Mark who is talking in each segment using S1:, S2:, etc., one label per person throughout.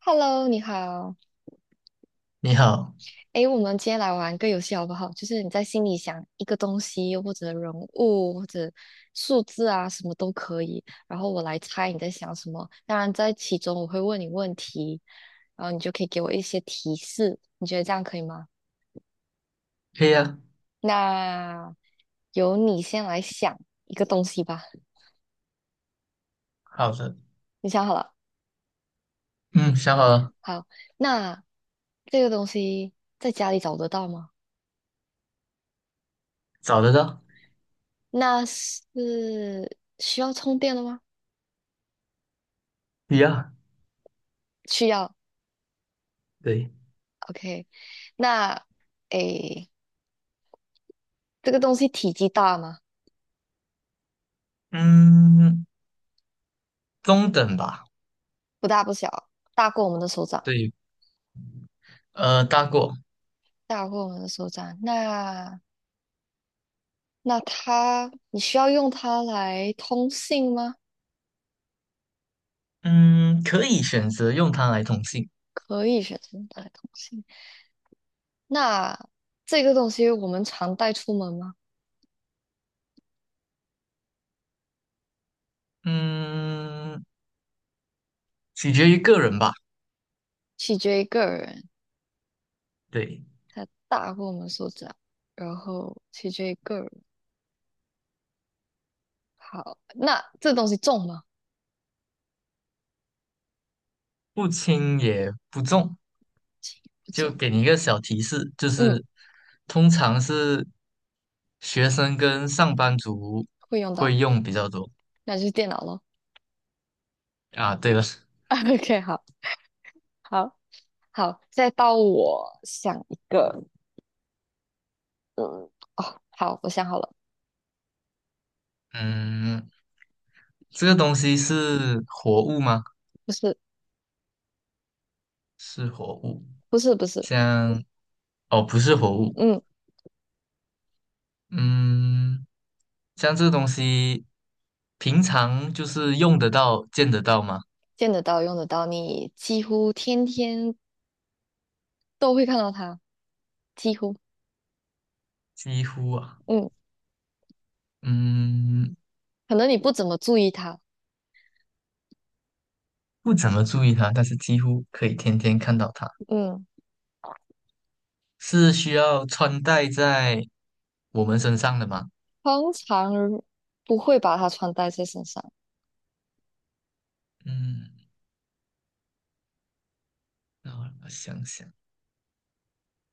S1: Hello，你好。
S2: 你好。
S1: 诶，我们今天来玩个游戏好不好？就是你在心里想一个东西，又或者人物，或者数字啊，什么都可以。然后我来猜你在想什么。当然，在其中我会问你问题，然后你就可以给我一些提示。你觉得这样可以吗？
S2: 可以啊。
S1: 那由你先来想一个东西吧。
S2: 好的。
S1: 你想好了？
S2: 嗯，想好了。
S1: 好，那这个东西在家里找得到吗？
S2: 找得到。
S1: 那是需要充电的吗？
S2: 一样。
S1: 需要。
S2: 对。
S1: OK，那诶，这个东西体积大吗？
S2: 嗯，中等吧。
S1: 不大不小，大过我们的手掌，
S2: 对，大过。
S1: 大过我们的手掌。那它，你需要用它来通信吗？
S2: 嗯，可以选择用它来通信。
S1: 可以选择用它来通信。那这个东西我们常带出门吗？
S2: 嗯，取决于个人吧。
S1: 取决于个人，
S2: 对。
S1: 它大过我们手掌，然后取决于个人。好，那这东西重吗？
S2: 不轻也不重。
S1: 轻，不
S2: 就
S1: 重。
S2: 给你一个小提示，就
S1: 嗯，
S2: 是通常是学生跟上班族
S1: 会用到，
S2: 会用比较多。
S1: 那就是电脑咯。
S2: 啊，对了。
S1: OK，好，好。好，再到我想一个，嗯，哦，好，我想好了，
S2: 嗯，这个东西是活物吗？
S1: 不是，
S2: 是活物，
S1: 不是，不是，
S2: 像哦，不是活物。
S1: 嗯，
S2: 嗯，像这个东西，平常就是用得到、见得到吗？
S1: 见得到，用得到，你几乎天天都会看到它，几乎，
S2: 几乎啊。
S1: 嗯，
S2: 嗯，
S1: 可能你不怎么注意它，
S2: 不怎么注意它，但是几乎可以天天看到它。
S1: 嗯，
S2: 是需要穿戴在我们身上的吗？
S1: 通常不会把它穿戴在身上，
S2: 嗯，那我想想，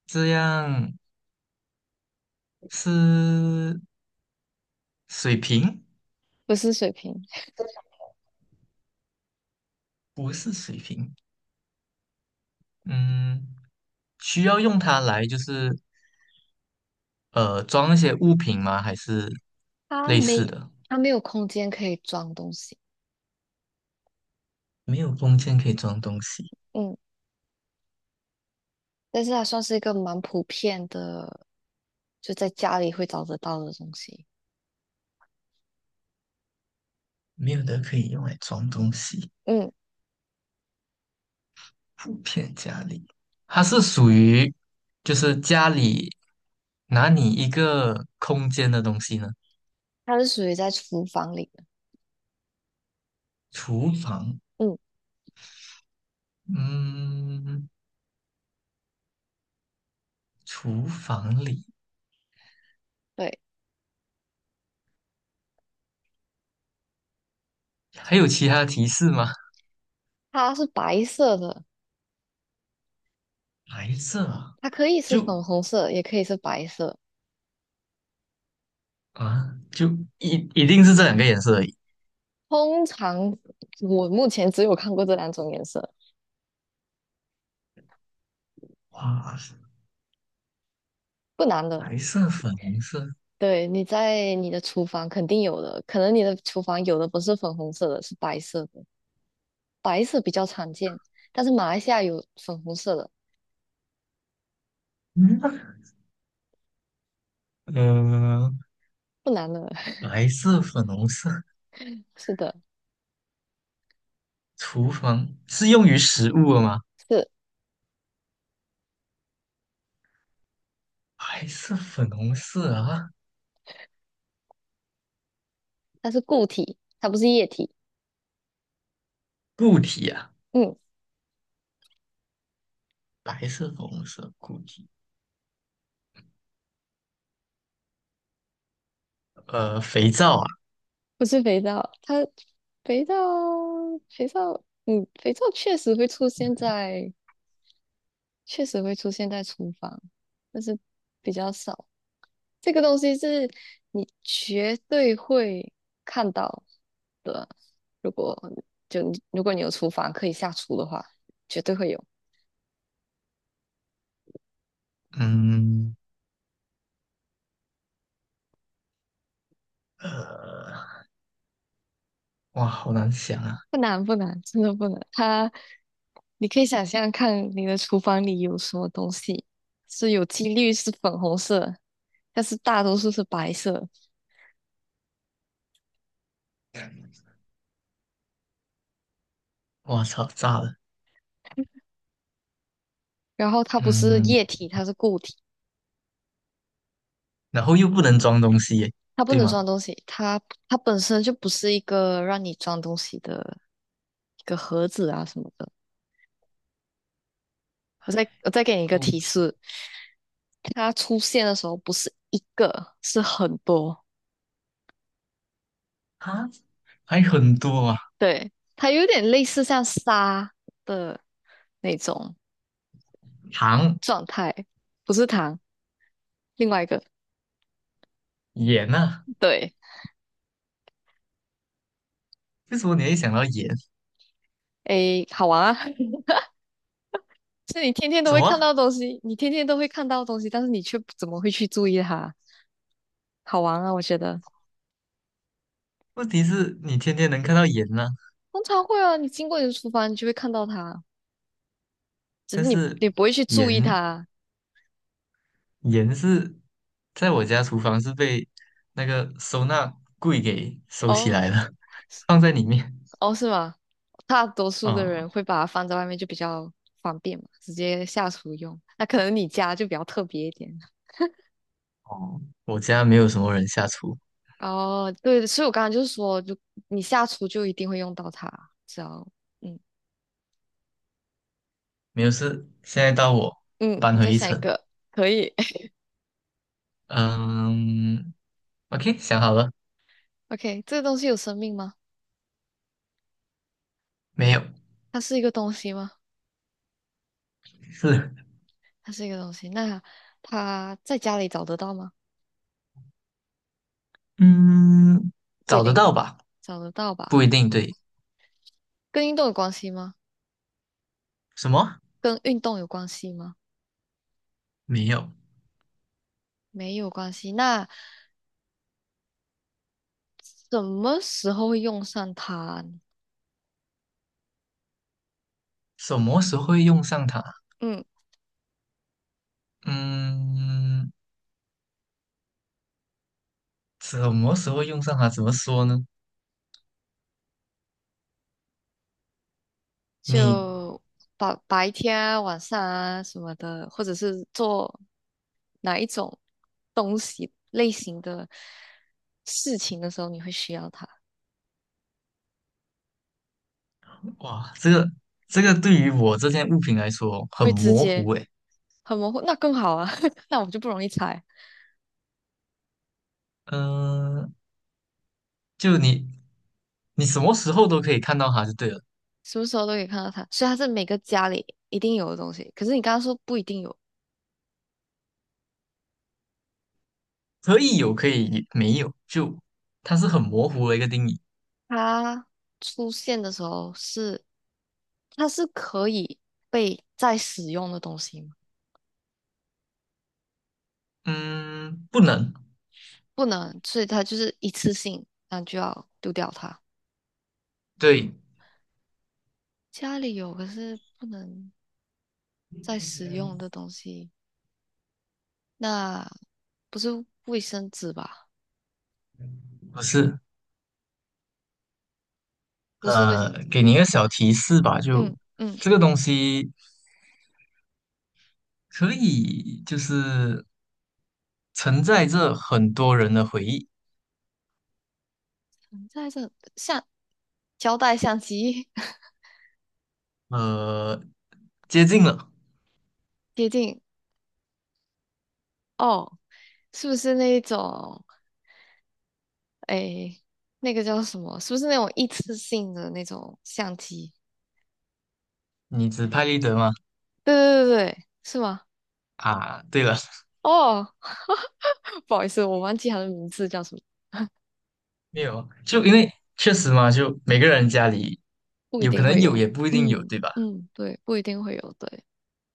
S2: 这样是水瓶？
S1: 不是水瓶，
S2: 不是水瓶。嗯，需要用它来装一些物品吗？还是
S1: 它
S2: 类似
S1: 没，
S2: 的？
S1: 它没有空间可以装东西，
S2: 没有空间可以装东西。
S1: 嗯，但是它算是一个蛮普遍的，就在家里会找得到的东西，
S2: 没有的可以用来装东西。
S1: 嗯，
S2: 普遍家里，它是属于家里拿你一个空间的东西呢。
S1: 它是属于在厨房里的，
S2: 厨房。
S1: 嗯。
S2: 嗯，厨房里
S1: 对。
S2: 还有其他提示吗？
S1: 它是白色的，
S2: 白色啊。
S1: 它可以是
S2: 就
S1: 粉红色，也可以是白色。
S2: 啊，就一一定是这两个颜色而已。
S1: 通常我目前只有看过这两种颜色，
S2: 哇，
S1: 不难的。
S2: 白色、粉红色。
S1: 对，你在你的厨房肯定有的，可能你的厨房有的不是粉红色的，是白色的，白色比较常见，但是马来西亚有粉红色的，
S2: 嗯，呃，
S1: 不难的。
S2: 白色、粉红色，
S1: 是的，
S2: 厨房是用于食物的吗？
S1: 是，
S2: 白色、粉红色啊。
S1: 它是固体，它不是液体。
S2: 固体啊。
S1: 嗯，
S2: 白色、粉红色固体，肥皂啊。
S1: 不是肥皂，肥皂，肥皂，嗯，肥皂确实会出现在厨房，但是比较少。这个东西是你绝对会看到的。如果如果你有厨房可以下厨的话，绝对会有。
S2: 嗯，呃，哇，好难想啊。
S1: 不难不难，真的不难。你可以想象看你的厨房里有什么东西，是有几率是粉红色，但是大多数是白色。
S2: 哇操，炸了。
S1: 然后它不是
S2: 嗯，
S1: 液体，它是固体，
S2: 然后又不能装东西耶，
S1: 它不
S2: 对
S1: 能
S2: 吗？
S1: 装东西，它本身就不是一个让你装东西的一个盒子啊什么的。我再给你一个
S2: 固
S1: 提
S2: 体
S1: 示，它出现的时候不是一个，是很多。
S2: 啊。还很多啊。
S1: 对，它有点类似像沙的那种
S2: 糖、
S1: 状态，不是糖，另外一个。
S2: 盐啊。
S1: 对，
S2: 为什么你会想到盐？
S1: 诶，好玩啊！是你天天都
S2: 什
S1: 会看
S2: 么？
S1: 到的东西，你天天都会看到的东西，但是你却不怎么会去注意它，好玩啊！我觉得
S2: 问题是你天天能看到盐呢、
S1: 通常会啊，你经过你的厨房，你就会看到它，只
S2: 但
S1: 是你
S2: 是
S1: 你不会去注意
S2: 盐
S1: 它。
S2: 盐是在我家厨房是被那个收纳柜给收起
S1: 哦，
S2: 来了，放在里面。
S1: 哦，是吗？大多数的
S2: 哦
S1: 人会把它放在外面，就比较方便嘛，直接下厨用。那可能你家就比较特别一点。
S2: 哦，我家没有什么人下厨。
S1: 哦，对，所以我刚刚就是说，就你下厨就一定会用到它，只要嗯
S2: 没有事。现在到我
S1: 嗯，
S2: 搬
S1: 你再
S2: 回一
S1: 想一
S2: 层。
S1: 个，可以。
S2: 嗯，OK,想好了
S1: OK，这个东西有生命吗？
S2: 没有？
S1: 它是一个东西吗？
S2: 是。
S1: 它是一个东西。那它在家里找得到吗？
S2: 嗯，
S1: 不一
S2: 找得
S1: 定，
S2: 到吧？
S1: 找得到吧？
S2: 不一定对。
S1: 跟运动有关系吗？
S2: 什么？
S1: 跟运动有关系吗？
S2: 没有。
S1: 没有关系。那什么时候会用上它呢
S2: 什么时候会用上它？
S1: 嗯，
S2: 嗯，什么时候用上它？怎么说呢？你
S1: 就白天啊、晚上啊什么的，或者是做哪一种东西类型的事情的时候，你会需要它，
S2: 哇，这个对于我这件物品来说哦很
S1: 会直
S2: 模
S1: 接
S2: 糊诶。
S1: 很模糊，那更好啊，那我就不容易猜，
S2: 嗯、就你什么时候都可以看到它就对了。
S1: 什么时候都可以看到它，所以它是每个家里一定有的东西。可是你刚刚说不一定有，
S2: 可以有，可以没有，就它是很模糊的一个定义。
S1: 它出现的时候是，它是可以被再使用的东西吗？
S2: 嗯，不能。
S1: 不能，所以它就是一次性，那就要丢掉它。
S2: 对。
S1: 家里有，可是不能再使用的东西，那不是卫生纸吧？
S2: 不是。
S1: 不是卫生纸，
S2: 给你一个小提示吧，就
S1: 嗯嗯，
S2: 这个东西可以就是承载着很多人的回忆。
S1: 在这像胶带、相机
S2: 呃，接近了。
S1: 接近哦，是不是那一种？诶，那个叫什么？是不是那种一次性的那种相机？
S2: 你指派立得吗？
S1: 对对对对，是吗？
S2: 啊，对了，
S1: 哦，不好意思，我忘记他的名字叫什么，
S2: 没有，就因为确实嘛，就每个人家里
S1: 不一
S2: 有可
S1: 定
S2: 能
S1: 会
S2: 有，也
S1: 有。
S2: 不一定有，
S1: 嗯
S2: 对吧？
S1: 嗯，对，不一定会有。对，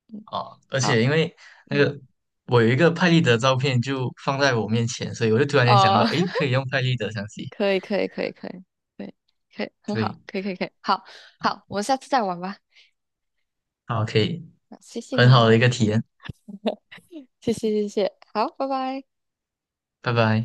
S1: 嗯，
S2: 啊，而
S1: 好，
S2: 且因为那
S1: 嗯，
S2: 个我有一个拍立得照片就放在我面前，所以我就突然间想到，
S1: 哦，
S2: 诶，可以用拍立得相机。
S1: 可以可以可以可以，对，可以，很好，
S2: 对。
S1: 可以可以可以，好好，我们下次再玩吧。
S2: 好，可以。
S1: 那谢谢
S2: 很
S1: 你
S2: 好的一
S1: 哦，
S2: 个体验。
S1: 谢谢谢谢，好，拜拜。
S2: 拜拜。